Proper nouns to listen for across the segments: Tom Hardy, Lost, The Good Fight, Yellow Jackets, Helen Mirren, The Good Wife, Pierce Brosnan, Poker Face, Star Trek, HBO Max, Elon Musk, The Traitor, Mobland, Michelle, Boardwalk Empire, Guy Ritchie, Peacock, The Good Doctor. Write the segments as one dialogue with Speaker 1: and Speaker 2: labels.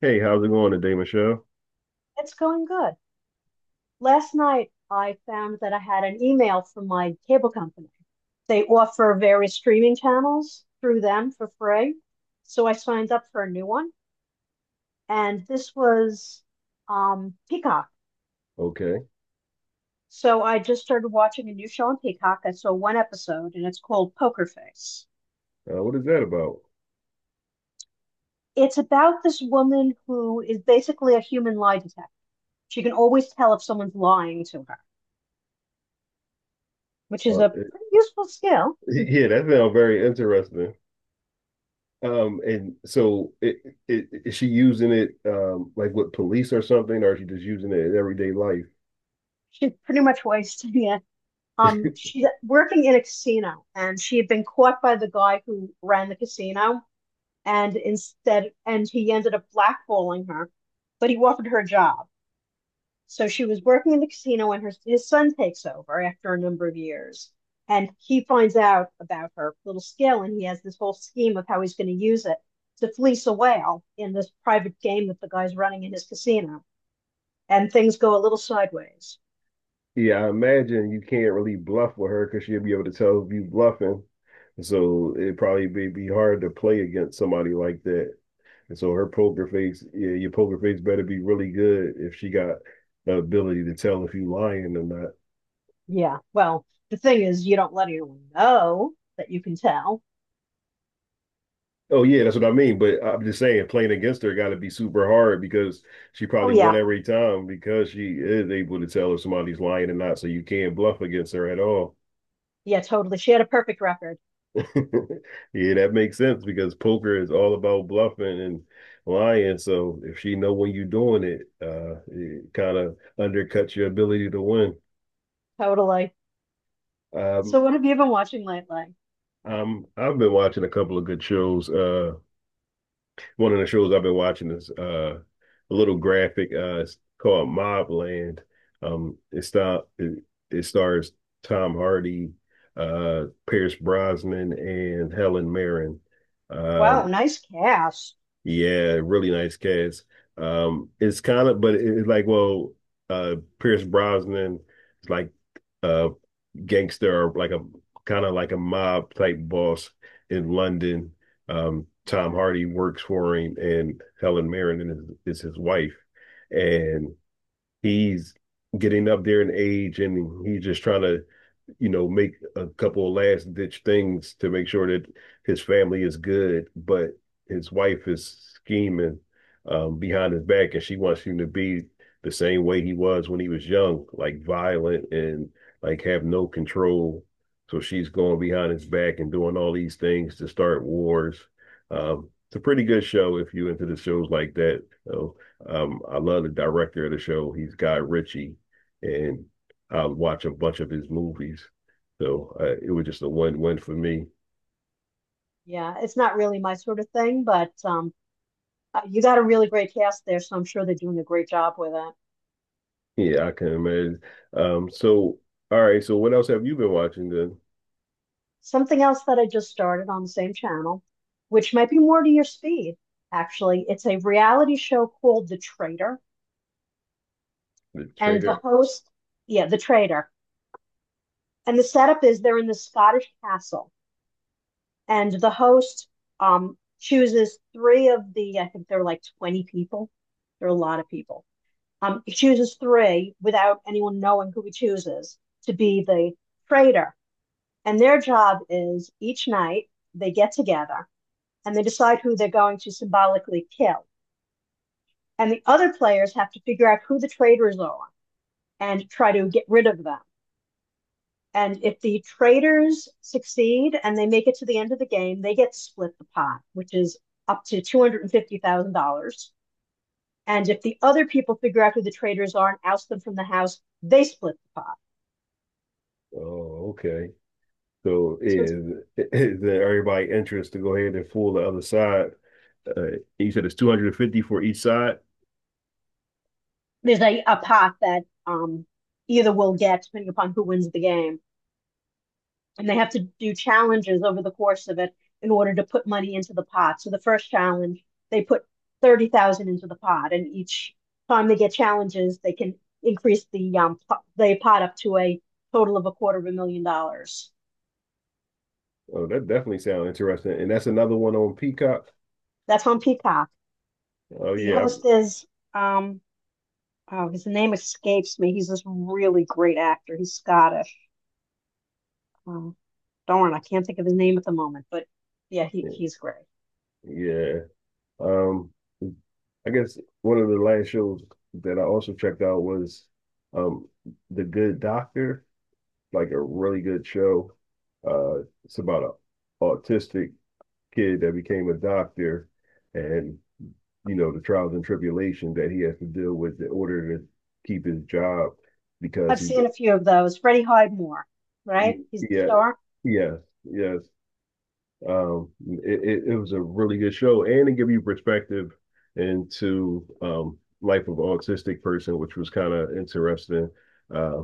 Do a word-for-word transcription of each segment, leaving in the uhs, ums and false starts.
Speaker 1: Hey, how's it going today, Michelle?
Speaker 2: It's going good. Last night, I found that I had an email from my cable company. They offer various streaming channels through them for free. So I signed up for a new one, and this was um, Peacock.
Speaker 1: Okay.
Speaker 2: So I just started watching a new show on Peacock. I saw one episode, and it's called Poker Face.
Speaker 1: Uh, what is that about?
Speaker 2: It's about this woman who is basically a human lie detector. She can always tell if someone's lying to her, which is
Speaker 1: Uh,
Speaker 2: a
Speaker 1: it-
Speaker 2: pretty useful skill.
Speaker 1: yeah, that sounds very interesting. Um, and so it, it, is she using it um like with police or something, or is she just using it in everyday life?
Speaker 2: She's pretty much wasting it. Um, she's working in a casino, and she had been caught by the guy who ran the casino, and instead, and he ended up blackballing her, but he offered her a job. So she was working in the casino, and her his son takes over after a number of years, and he finds out about her little skill, and he has this whole scheme of how he's going to use it to fleece a whale in this private game that the guy's running in his casino, and things go a little sideways.
Speaker 1: Yeah, I imagine you can't really bluff with her because she'll be able to tell if you bluffing. So it probably be, be hard to play against somebody like that. And so her poker face, yeah, your poker face better be really good if she got the ability to tell if you lying or not.
Speaker 2: Yeah. Well, the thing is, you don't let anyone know that you can tell.
Speaker 1: Oh yeah, that's what I mean. But I'm just saying, playing against her got to be super hard because she
Speaker 2: Oh,
Speaker 1: probably won
Speaker 2: yeah.
Speaker 1: every time because she is able to tell if somebody's lying or not. So you can't bluff against her at all.
Speaker 2: Yeah, totally. She had a perfect record.
Speaker 1: Yeah, that makes sense because poker is all about bluffing and lying. So if she know when you're doing it, uh, it kind of undercuts your ability to win.
Speaker 2: Totally.
Speaker 1: Um,
Speaker 2: So, what have you been watching lately?
Speaker 1: um, I've been watching a couple of good shows. Uh, one of the shows I've been watching is uh, a little graphic. Uh, it's called Mobland. Um, it start it, it stars Tom Hardy, uh, Pierce Brosnan, and Helen Mirren.
Speaker 2: Wow,
Speaker 1: Um,
Speaker 2: nice cast.
Speaker 1: yeah, really nice cast. Um, it's kind of, but it's like, well, uh, Pierce Brosnan is like uh, gangster or like a kind of like a mob type boss in London. Um, Tom
Speaker 2: Okay.
Speaker 1: Hardy works for him, and Helen Mirren is, is his wife, and he's getting up there in age, and he's just trying to you know, make a couple of last ditch things to make sure that his family is good, but his wife is scheming um, behind his back, and she wants him to be the same way he was when he was young, like violent and like have no control. So she's going behind his back and doing all these things to start wars. Um, it's a pretty good show if you into the shows like that. So um, I love the director of the show. He's Guy Ritchie, and I watch a bunch of his movies. So uh, it was just a one-one for me.
Speaker 2: Yeah, it's not really my sort of thing, but um, uh, you got a really great cast there, so I'm sure they're doing a great job with it.
Speaker 1: Yeah, I can imagine. Um, so, all right, so what else have you been watching? The
Speaker 2: Something else that I just started on the same channel, which might be more to your speed, actually. It's a reality show called The Traitor,
Speaker 1: the
Speaker 2: and the
Speaker 1: trader.
Speaker 2: host, yeah, The Traitor. And the setup is they're in the Scottish castle, and the host um, chooses three of the, I think they're like twenty people. There are a lot of people. Um, he chooses three without anyone knowing who he chooses to be the traitor. And their job is each night they get together and they decide who they're going to symbolically kill. And the other players have to figure out who the traitors are and try to get rid of them. And if the traders succeed and they make it to the end of the game, they get split the pot, which is up to two hundred fifty thousand dollars. And if the other people figure out who the traders are and oust them from the house, they split the pot.
Speaker 1: Oh, okay. So
Speaker 2: So it's,
Speaker 1: is is there everybody interest to go ahead and fool the other side? Uh, you said it's two hundred fifty for each side.
Speaker 2: there's a, a pot that um, either will get, depending upon who wins the game, and they have to do challenges over the course of it in order to put money into the pot. So the first challenge, they put thirty thousand into the pot, and each time they get challenges, they can increase the um the pot up to a total of a quarter of a million dollars.
Speaker 1: Oh, that definitely sounds interesting. And that's another one on Peacock.
Speaker 2: That's on Peacock.
Speaker 1: Oh
Speaker 2: The
Speaker 1: yeah, I'm-
Speaker 2: host is um oh his name escapes me. He's this really great actor. He's Scottish. Um, darn, I can't think of his name at the moment, but yeah, he, he's great.
Speaker 1: yeah. Um, I guess one of the last shows that I also checked out was um The Good Doctor. Like a really good show. Uh, it's about an autistic kid that became a doctor, and you know the trials and tribulations that he has to deal with in order to keep his job. Because
Speaker 2: I've
Speaker 1: he,
Speaker 2: seen a few of those. Freddie Highmore,
Speaker 1: he
Speaker 2: right? He's the
Speaker 1: Yeah,
Speaker 2: star.
Speaker 1: yes, yes, um it, it, was a really good show, and it gave you perspective into um life of an autistic person, which was kind of interesting. uh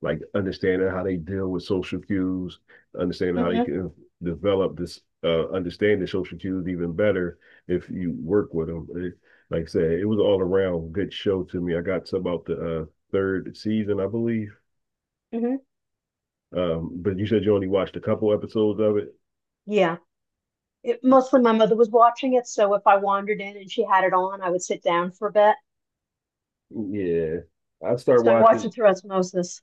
Speaker 1: like understanding how they deal with social cues, understanding how they
Speaker 2: Hmm.
Speaker 1: can develop this uh understanding social cues even better if you work with them. It, like I said, it was all around good show to me. I got to about the uh third season, I believe.
Speaker 2: Hmm.
Speaker 1: Um but you said you only watched a couple episodes of it.
Speaker 2: Yeah. It, mostly my mother was watching it, so if I wandered in and she had it on, I would sit down for a bit.
Speaker 1: Yeah, I started
Speaker 2: So I watched
Speaker 1: watching.
Speaker 2: it through osmosis.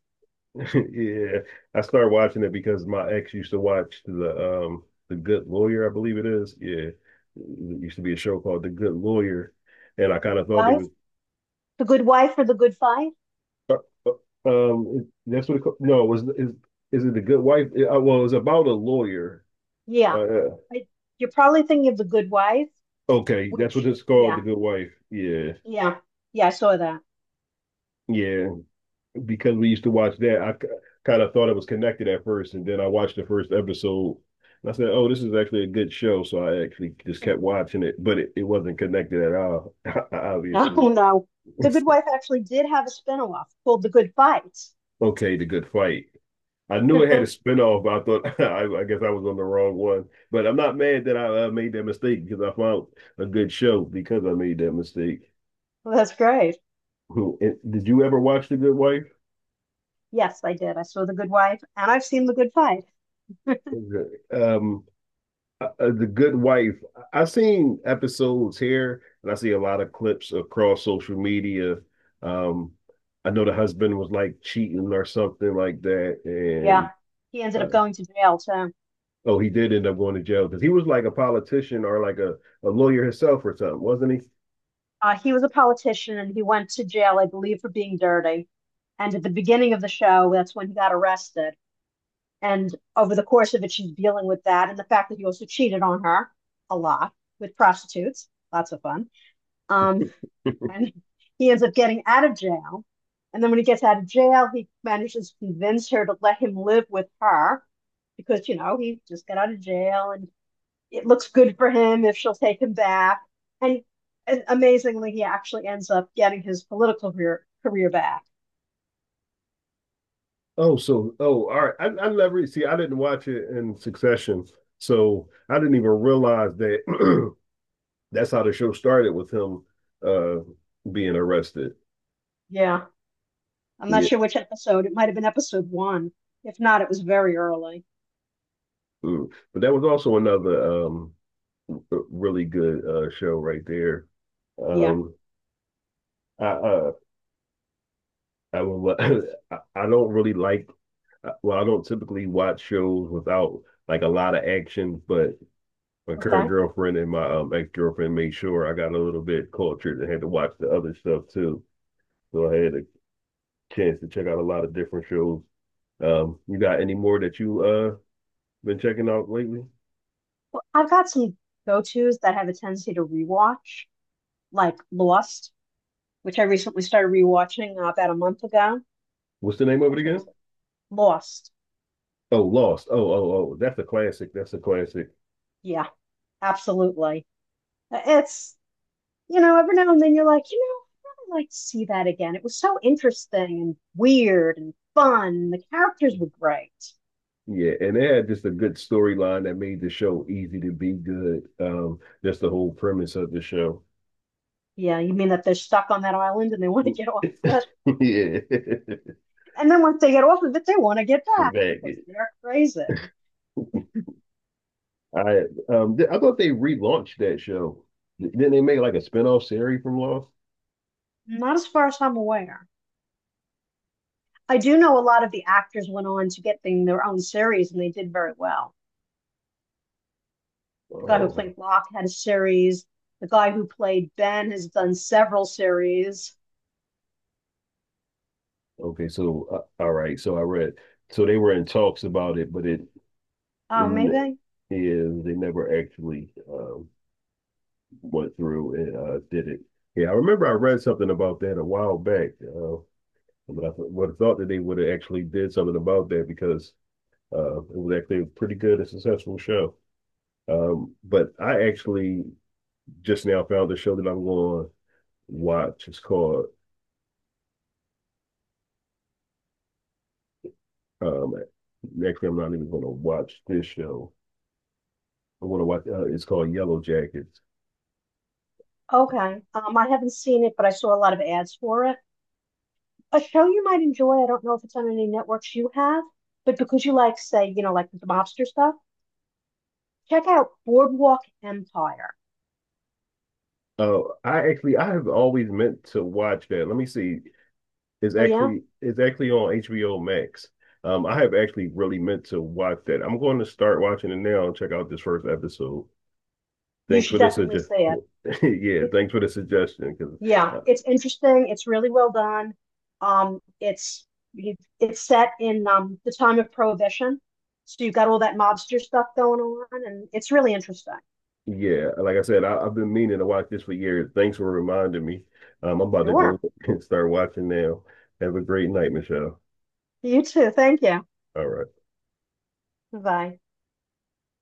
Speaker 1: Yeah, I started watching it because my ex used to watch the um the Good Lawyer, I believe it is. Yeah, it used to be a show called The Good Lawyer, and I
Speaker 2: The
Speaker 1: kind
Speaker 2: Good
Speaker 1: of thought they
Speaker 2: Wife?
Speaker 1: was.
Speaker 2: The Good Wife or The Good Fight?
Speaker 1: uh, uh, um it- that's what it, ca- no, it was. Is is it the Good Wife? Uh, well, it's about a lawyer.
Speaker 2: Yeah.
Speaker 1: Uh, uh,
Speaker 2: I, you're probably thinking of The Good Wife,
Speaker 1: okay, that's
Speaker 2: which,
Speaker 1: what it's called,
Speaker 2: yeah,
Speaker 1: The Good Wife. Yeah,
Speaker 2: yeah, yeah, I saw that.
Speaker 1: yeah, because we used to watch that. I kind of thought it was connected at first, and then I watched the first episode. And I said, "Oh, this is actually a good show," so I actually just kept watching it, but it, it wasn't connected at all,
Speaker 2: No,
Speaker 1: obviously.
Speaker 2: no. The Good Wife actually did have a spin-off called The Good Fight.
Speaker 1: Okay, the Good Fight. I knew it had a spinoff, but I thought I, I guess I was on the wrong one. But I'm not mad that I uh, made that mistake because I found a good show because I made that mistake.
Speaker 2: Well, that's great.
Speaker 1: Who- and- Did you ever watch The Good Wife?
Speaker 2: Yes, I did. I saw The Good Wife, and I've seen The Good Fight.
Speaker 1: Okay. Um, uh, The good wife, I've seen episodes here, and I see a lot of clips across social media. um I know the husband was like cheating or something like that, and
Speaker 2: Yeah. He ended up
Speaker 1: uh,
Speaker 2: going to jail, too.
Speaker 1: oh, he did end up going to jail because he was like a politician or like a, a lawyer himself or something, wasn't he?
Speaker 2: Uh, he was a politician and he went to jail, I believe, for being dirty. And at the beginning of the show, that's when he got arrested. And over the course of it, she's dealing with that and the fact that he also cheated on her a lot with prostitutes. Lots of fun. Um, and he ends up getting out of jail. And then when he gets out of jail, he manages to convince her to let him live with her because, you know, he just got out of jail and it looks good for him if she'll take him back. And, and amazingly, he actually ends up getting his political career, career back.
Speaker 1: Oh, so, oh, all right. I, I never see, I didn't watch it in succession, so I didn't even realize that, that's how the show started with him uh being arrested.
Speaker 2: Yeah. I'm not
Speaker 1: Yeah.
Speaker 2: sure which episode. It might have been episode one. If not, it was very early.
Speaker 1: Mm. But that was also another um really good uh show right there.
Speaker 2: Yeah.
Speaker 1: Um I uh I will I, I don't really like uh, well, I don't typically watch shows without like a lot of action, but my current
Speaker 2: Okay.
Speaker 1: girlfriend and my um ex-girlfriend made sure I got a little bit cultured and had to watch the other stuff too. So I had a chance to check out a lot of different shows. Um you got any more that you uh been checking out lately?
Speaker 2: Well, I've got some go tos that have a tendency to rewatch, like Lost, which I recently started rewatching uh, about a month ago.
Speaker 1: What's the name of it
Speaker 2: That's
Speaker 1: again?
Speaker 2: always Lost.
Speaker 1: Oh, Lost. Oh, oh, oh, that's a classic. That's a classic.
Speaker 2: Yeah, absolutely. Uh, It's you know, every now and then you're like, you know, I'd really like to see that again. It was so interesting and weird and fun. The characters were great.
Speaker 1: Yeah, and they had just a good storyline that made the show easy to be good. Um, that's the whole premise of the show.
Speaker 2: Yeah, you mean that they're stuck on that island and they want to get off of it?
Speaker 1: Yeah,
Speaker 2: And then once they get off of it, they want to get back because
Speaker 1: Maggot.
Speaker 2: they're crazy.
Speaker 1: I um, th- I thought they relaunched that show. Didn't they make like a spin-off series from Lost?
Speaker 2: Not as far as I'm aware. I do know a lot of the actors went on to get their own series and they did very well. The guy who
Speaker 1: Oh,
Speaker 2: played Locke had a series. The guy who played Ben has done several series.
Speaker 1: okay. So uh, all right. So I read. So they were in talks about it, but it
Speaker 2: Oh,
Speaker 1: in
Speaker 2: maybe
Speaker 1: is they never actually um, went through and uh, did it. Yeah, I remember I
Speaker 2: that's
Speaker 1: read something about that a while back. Uh, But I would have thought that they would have actually did something about that because uh, it was actually a pretty good and successful show. Um, but I actually just now found the show that I'm going to watch. It's called. Um, Actually, I'm not even going to watch this show. I'm going to watch. Uh, it's called Yellow Jackets.
Speaker 2: okay. Um, I haven't seen it, but I saw a lot of ads for it. A show you might enjoy, I don't know if it's on any networks you have, but because you like, say, you know, like the mobster stuff, check out Boardwalk Empire.
Speaker 1: Uh, I actually I have always meant to watch that. Let me see. It's
Speaker 2: Oh, yeah?
Speaker 1: actually it's actually on H B O Max. Um, I have actually really meant to watch that. I'm going to start watching it now and check out this first episode.
Speaker 2: You
Speaker 1: Thanks
Speaker 2: should
Speaker 1: for the
Speaker 2: definitely
Speaker 1: suggestion.
Speaker 2: see it.
Speaker 1: Yeah,
Speaker 2: It's,
Speaker 1: thanks for the suggestion. Because
Speaker 2: yeah,
Speaker 1: uh,
Speaker 2: it's interesting. It's really well done. Um, it's it's set in um the time of Prohibition. So you have got all that mobster stuff going on, and it's really interesting.
Speaker 1: yeah, like I said, I, I've been meaning to watch this for years. Thanks for reminding me. Um, I'm about to go
Speaker 2: Sure.
Speaker 1: and start watching now. Have a great night, Michelle.
Speaker 2: You too. Thank you.
Speaker 1: All right.
Speaker 2: Bye.